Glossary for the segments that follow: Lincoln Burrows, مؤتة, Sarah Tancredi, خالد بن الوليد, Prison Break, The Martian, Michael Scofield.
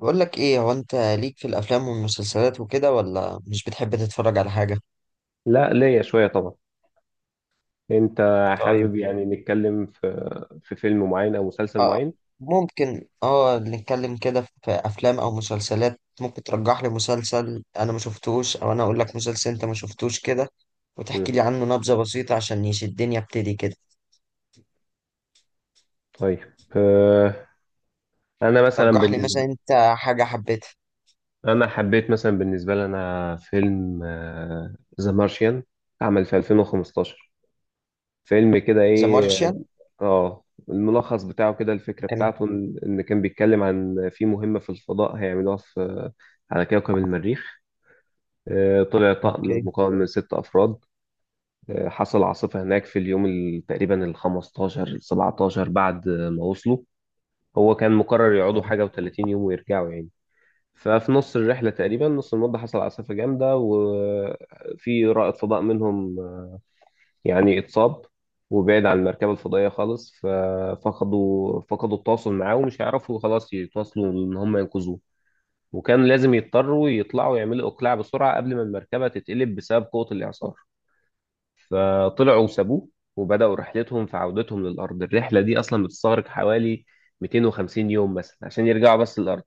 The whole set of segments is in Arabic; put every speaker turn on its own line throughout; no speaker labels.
بقول لك ايه، هو انت ليك في الافلام والمسلسلات وكده، ولا مش بتحب تتفرج على حاجه؟
لا، ليا شوية طبعا. انت؟
طيب.
حابب يعني نتكلم في فيلم معين او مسلسل
اه.
معين؟
ممكن نتكلم كده في افلام او مسلسلات، ممكن ترجح لي مسلسل انا ما شفتوش، او انا اقول لك مسلسل انت ما شفتوش كده
مم.
وتحكي لي عنه نبذه بسيطه عشان يشدني ابتدي كده.
طيب. آه، انا مثلا
رجح لي مثلا
بالنسبة
انت حاجه حبيتها.
انا حبيت مثلا بالنسبة لي انا فيلم ذا مارشيان، عمل في 2015. فيلم كده،
ذا
ايه،
مارشيان؟
اه الملخص بتاعه كده، الفكرة
كان.
بتاعته ان كان بيتكلم عن في مهمة في الفضاء هيعملوها على كوكب المريخ. طلع طقم
اوكي.
مكون من ست أفراد، حصل عاصفة هناك في اليوم تقريبا ال 15 ال 17 بعد ما وصلوا. هو كان مقرر يقعدوا
تمام.
حاجة و30 يوم ويرجعوا يعني. ففي نص الرحلة تقريبا، نص المدة، حصل عاصفة جامدة، وفي رائد فضاء منهم يعني اتصاب وبعد عن المركبة الفضائية خالص، ففقدوا التواصل معاه ومش هيعرفوا خلاص يتواصلوا إن هم ينقذوه، وكان لازم يضطروا يطلعوا، يعملوا إقلاع بسرعة قبل ما المركبة تتقلب بسبب قوة الإعصار، فطلعوا وسابوه وبدأوا رحلتهم في عودتهم للأرض. الرحلة دي أصلا بتستغرق حوالي 250 يوم مثلا عشان يرجعوا بس للأرض.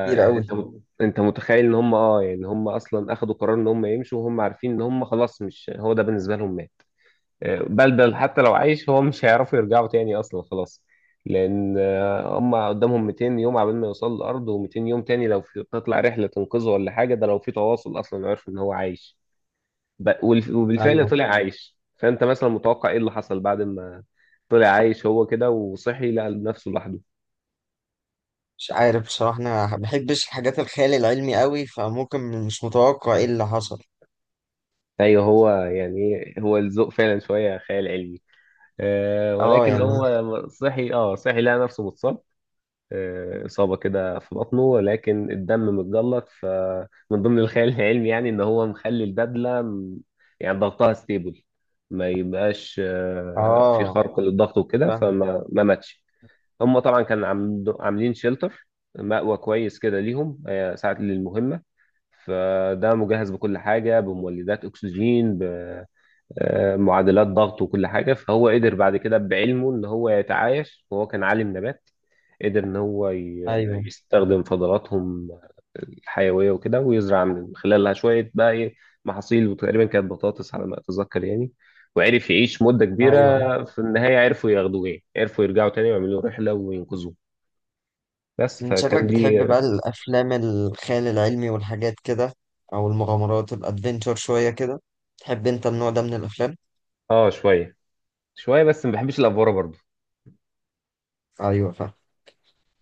كتير قوي.
أنت متخيل إن هم يعني هم أصلا أخدوا قرار إن هم يمشوا وهم عارفين إن هم خلاص، مش، هو ده بالنسبة لهم مات. بل حتى لو عايش هو مش هيعرفوا يرجعوا تاني أصلا خلاص، لأن هم قدامهم 200 يوم عبال ما يوصلوا للأرض، و200 يوم تاني لو في تطلع رحلة تنقذه ولا حاجة، ده لو في تواصل أصلا يعرف إن هو عايش. وبالفعل
ايوه.
طلع عايش. فانت مثلا متوقع ايه اللي حصل بعد ما طلع عايش؟ هو كده وصحي لقى نفسه لوحده.
مش عارف بصراحه، انا ما بحبش الحاجات الخيال العلمي قوي، فممكن مش متوقع ايه اللي حصل.
ايوه، هو يعني، إيه، هو الذوق فعلا شويه خيال علمي.
اه
ولكن
يعني،
هو صحي، صحي، لقى نفسه متصاب، إصابة كده في بطنه، ولكن الدم متجلط. فمن ضمن الخيال العلمي يعني إن هو مخلي البدلة يعني ضغطها ستيبل، ما يبقاش في
اه.
خرق للضغط وكده،
فاهم.
فما ما ماتش. هم طبعا كانوا عاملين شيلتر، مأوى كويس كده ليهم ساعة للمهمة. فده مجهز بكل حاجة، بمولدات أكسجين، بمعادلات ضغط، وكل حاجة. فهو قدر بعد كده بعلمه إن هو يتعايش، وهو كان عالم نبات. قدر إن هو
ايوه،
يستخدم فضلاتهم الحيوية وكده، ويزرع من خلالها شوية بقى، إيه، محاصيل. وتقريبا كانت بطاطس على ما أتذكر يعني، وعرف يعيش مدة
ايوه،
كبيرة.
أيوة.
في النهاية عرفوا ياخدوه، يعني عرفوا يرجعوا تاني ويعملوا رحلة وينقذوه. بس،
من شكلك
فكان دي.
بتحب بقى الافلام الخيال العلمي والحاجات كده، او المغامرات الادفنتشر شويه كده؟ تحب انت النوع ده من الافلام؟
اه، شويه شويه، بس ما بحبش الافوره برضو.
ايوه، فاهم.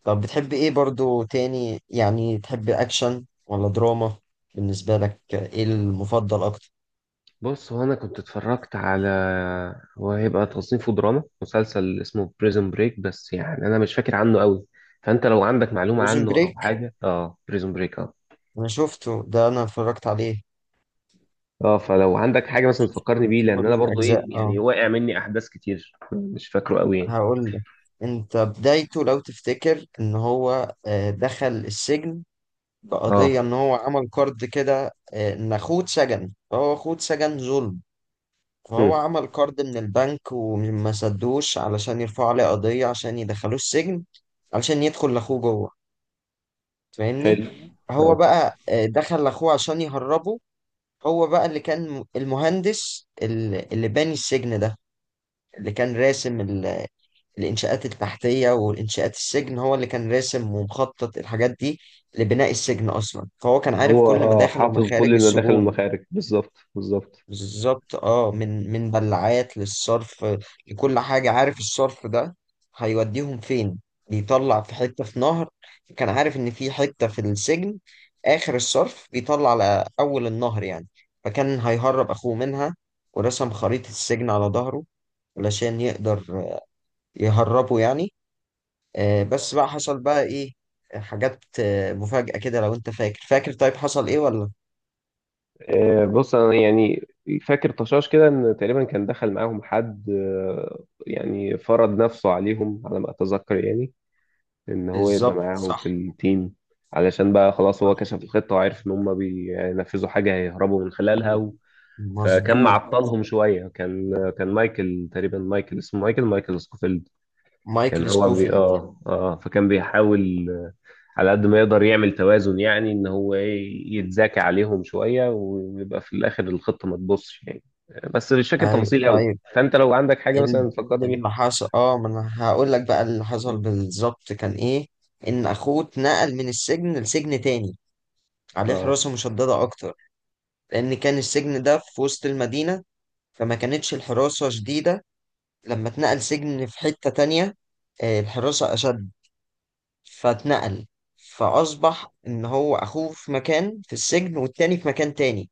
طب بتحب ايه برضو تاني، يعني تحب اكشن ولا دراما؟ بالنسبه لك ايه المفضل اكتر؟
بص، هو انا كنت اتفرجت على، هو هيبقى تصنيفه دراما، مسلسل اسمه بريزون بريك، بس يعني انا مش فاكر عنه قوي. فانت لو عندك معلومه
بريزن
عنه او
بريك.
حاجه، اه، بريزون بريك، اه.
انا شفته ده، انا اتفرجت عليه.
اه، فلو عندك حاجه مثلا تفكرني بيه،
شفت
لان
كل
انا برضو
الاجزاء،
ايه،
اه.
يعني واقع مني احداث كتير، مش فاكره قوي يعني.
هقول لك. انت بدايته لو تفتكر ان هو دخل السجن بقضية
اه.
إن هو عمل كارد كده، إن أخوه اتسجن، فهو أخوه اتسجن ظلم. فهو
امم
عمل كارد من البنك وما سدوش علشان يرفعوا عليه قضية عشان يدخلوه السجن. علشان يدخل لأخوه جوه. فاهمني؟
حلو. اه
فهو بقى دخل لأخوه عشان يهربه. هو بقى اللي كان المهندس، اللي باني السجن ده، اللي كان راسم الإنشاءات التحتية والإنشاءات السجن، هو اللي كان راسم ومخطط الحاجات دي لبناء السجن أصلا، فهو كان عارف
هو،
كل مداخل
حافظ كل
ومخارج
المداخل
السجون.
والمخارج، بالظبط بالظبط.
بالظبط، من بلعات للصرف، لكل حاجة، عارف الصرف ده هيوديهم فين، بيطلع في حتة في نهر. كان عارف إن في حتة في السجن آخر الصرف بيطلع على أول النهر يعني، فكان هيهرب أخوه منها. ورسم خريطة السجن على ظهره علشان يقدر يهربه يعني. بس بقى حصل بقى ايه؟ حاجات مفاجأة كده، لو انت فاكر طيب، حصل ايه ولا؟
بص، انا يعني فاكر طشاش كده ان تقريبا كان دخل معاهم حد، يعني فرض نفسه عليهم على ما اتذكر يعني، ان هو يبقى
بالظبط،
معاهم في
صح.
التيم، علشان بقى خلاص هو
صح،
كشف الخطة وعرف ان هم بينفذوا حاجة هيهربوا من خلالها و... فكان
مظبوط.
معطلهم شوية. كان، كان مايكل تقريبا مايكل اسمه مايكل سكوفيلد. كان
مايكل
هو بي
سكوفيلد.
اه اه فكان بيحاول على قد ما يقدر يعمل توازن، يعني ان هو، ايه، يتذاكى عليهم شويه ويبقى في الاخر الخطه ما تبصش يعني. بس مش فاكر
ايوه،
تفاصيل قوي.
طيب.
فانت لو عندك حاجه
ال-
مثلا تفكرني بيها.
اللي حصل، ما انا هقول لك بقى اللي حصل
مم.
بالظبط كان ايه. ان اخوه اتنقل من السجن لسجن تاني، عليه
اه،
حراسة مشددة اكتر، لان كان السجن ده في وسط المدينة فما كانتش الحراسة شديدة. لما اتنقل سجن في حتة تانية الحراسة اشد، فاتنقل. فأصبح إن هو أخوه في مكان في السجن والتاني في مكان تاني،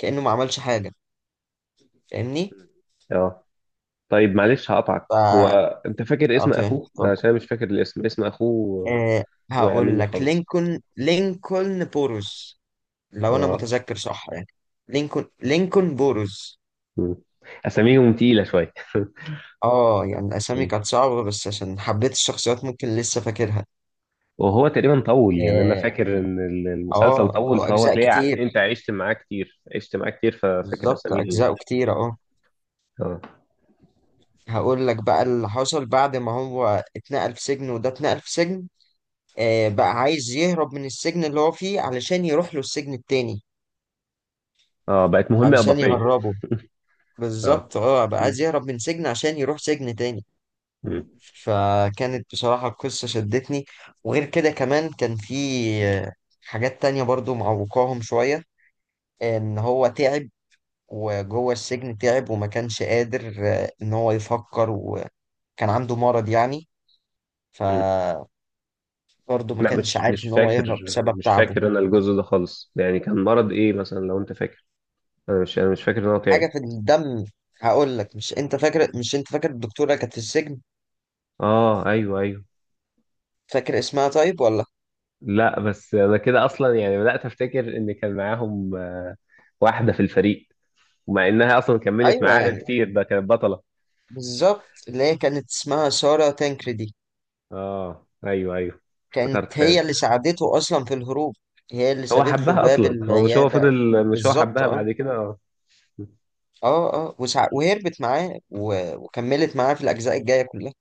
كأنه ما عملش حاجة. فاهمني؟
اه، طيب، معلش هقطعك.
ف
هو، انت فاكر اسم
أعطيه،
اخوه؟
اتفضل.
عشان أنا مش فاكر الاسم، اسم اخوه،
أه.
وقع
هقول
مني
لك،
خالص.
لينكولن بوروز، لو أنا
اه.
متذكر صح يعني. لينكولن بوروز.
مم. اساميهم تقيله شويه.
اه، يعني الأسامي كانت صعبة، بس عشان حبيت الشخصيات ممكن لسه فاكرها.
وهو تقريبا طول، يعني انا
اه.
فاكر ان المسلسل طول،
هو
فهو
أجزاء
تلاقي،
كتير.
انت عشت معاه كتير، عشت معاه كتير، ففاكر
بالظبط،
اساميهم.
أجزاءه كتير، اه.
اه.
هقول لك بقى اللي حصل بعد ما هو اتنقل في سجن وده اتنقل في سجن. بقى عايز يهرب من السجن اللي هو فيه علشان يروح له السجن التاني.
اه، بقت مهمة
علشان
إضافية.
يهربه.
اه.
بالظبط، اه. بقى
م.
عايز يهرب من سجن عشان يروح سجن تاني.
م.
فكانت بصراحة القصة شدتني. وغير كده كمان كان في آه، حاجات تانية برضو معوقاهم شوية. ان هو تعب، وجوه السجن تعب وما كانش قادر ان هو يفكر، وكان عنده مرض يعني.
م.
فبرضه ما
لا،
كانش
مش
عارف
مش
ان هو
فاكر،
يهرب بسبب
مش
تعبه.
فاكر انا الجزء ده خالص يعني. كان مرض ايه مثلا لو انت فاكر؟ انا مش فاكر ان هو تعب.
حاجة في الدم. هقول لك، مش انت فاكر الدكتورة كانت في السجن؟
اه، ايوه، ايوه.
فاكر اسمها طيب ولا؟
لا، بس انا كده اصلا يعني بدأت افتكر ان كان معاهم، واحدة في الفريق، ومع انها اصلا كملت
ايوه،
معاها
يعني.
كتير، ده كانت بطلة.
بالظبط، اللي هي كانت اسمها سارة تانكريدي.
اه، ايوه، ايوه،
كانت
افتكرت
هي
فعلا.
اللي ساعدته اصلا في الهروب، هي اللي
هو
سابت له
حبها
باب
اصلا، هو، مش هو
العيادة.
فضل مش هو
بالظبط،
حبها
اه.
بعد كده، اه.
اه وهربت معاه وكملت معاه في الاجزاء الجاية كلها.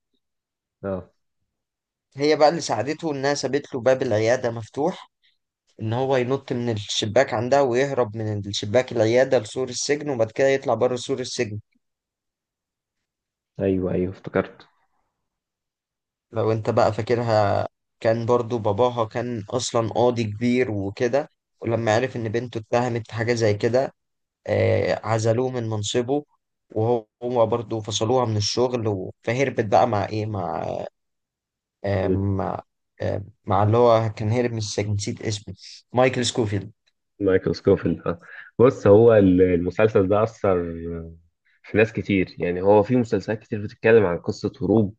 اه،
هي بقى اللي ساعدته، انها سابت له باب العيادة مفتوح، ان هو ينط من الشباك عندها، ويهرب من الشباك العيادة لسور السجن، وبعد كده يطلع بره سور السجن،
ايوه، ايوه، افتكرت.
لو انت بقى فاكرها. كان برضو باباها كان اصلا قاضي كبير وكده، ولما عرف ان بنته اتهمت في حاجة زي كده عزلوه من منصبه. وهو برضو فصلوها من الشغل فهربت بقى مع ايه، آه،
مم.
مع مع اللي هو كان هرب من السجن، نسيت اسمه، مايكل سكوفيلد.
مايكل سكوفيلد، اه. بص، هو المسلسل ده اثر في ناس كتير، يعني هو في مسلسلات كتير بتتكلم عن قصه هروب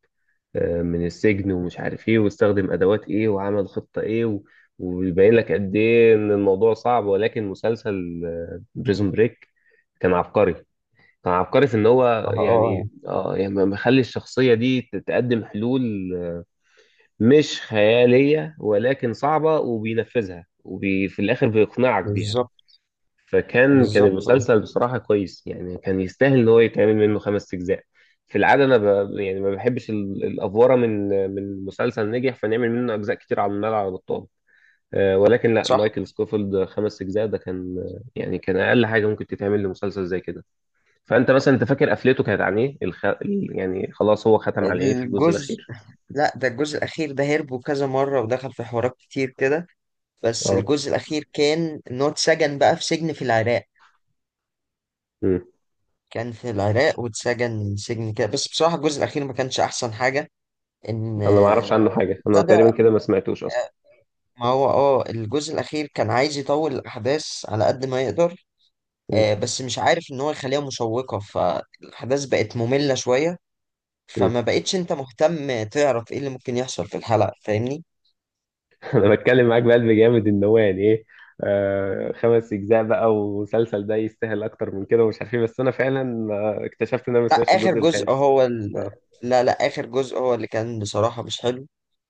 من السجن، ومش عارف ايه، واستخدم ادوات ايه، وعمل خطه ايه، و... ويبين لك قد ايه ان الموضوع صعب، ولكن مسلسل بريزون بريك كان عبقري، كان عبقري في ان
اه،
هو، يعني يعني مخلي الشخصيه دي تقدم حلول مش خيالية، ولكن صعبة، وبينفذها، وفي الآخر بيقنعك بيها.
بالظبط.
فكان
بالظبط، اه.
المسلسل بصراحة كويس يعني، كان يستاهل إن هو يتعمل منه خمس أجزاء. في العادة أنا يعني ما بحبش الأفورة، من مسلسل نجح فنعمل منه أجزاء كتير على الملعب، على بطال، ولكن لا،
صح.
مايكل سكوفيلد خمس أجزاء ده كان، يعني كان أقل حاجة ممكن تتعمل لمسلسل زي كده. فأنت مثلا، أنت فاكر قفلته كانت عن إيه؟ يعني خلاص، هو ختم على إيه في الجزء
الجزء.
الأخير؟
لا، ده الجزء الاخير ده هربوا كذا مرة ودخل في حوارات كتير كده. بس
اه.
الجزء الأخير كان إن هو اتسجن بقى في سجن في العراق. كان في العراق واتسجن سجن كده، بس بصراحة الجزء الأخير ما كانش أحسن حاجة. إن
انا ما
آه،
اعرفش هو عنه حاجه، انا
ابتدى.
تقريبا كده ما سمعتوش اصلا.
ما هو الجزء الأخير كان عايز يطول الأحداث على قد ما يقدر،
مم.
بس مش عارف إن هو يخليها مشوقة، فالأحداث بقت مملة شوية.
مم.
فما بقتش أنت مهتم تعرف إيه اللي ممكن يحصل في الحلقة. فاهمني؟
انا بتكلم معاك بقلب جامد ان هو، يعني ايه، خمس اجزاء بقى، ومسلسل ده يستاهل اكتر من كده، ومش عارف ايه، بس انا فعلا اكتشفت ان انا ما
لا،
سمعتش
آخر
الجزء
جزء
الخامس.
هو
اه.
لا، لا، آخر جزء هو اللي كان بصراحة مش حلو.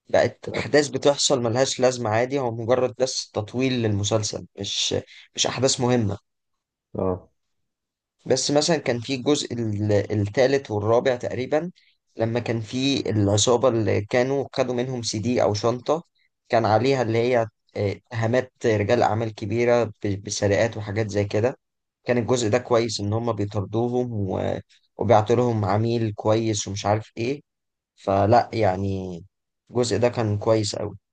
بقت
اه.
أحداث بتحصل ملهاش لازمة، عادي، هو مجرد بس تطويل للمسلسل، مش أحداث مهمة.
آه.
بس مثلا كان في الجزء التالت والرابع تقريبا، لما كان في العصابة اللي كانوا خدوا منهم CD أو شنطة. كان عليها اللي هي اتهامات رجال أعمال كبيرة، بسرقات وحاجات زي كده. كان الجزء ده كويس، إن هما بيطردوهم وبيعطوا لهم عميل كويس ومش عارف إيه. فلا، يعني الجزء ده كان كويس أوي.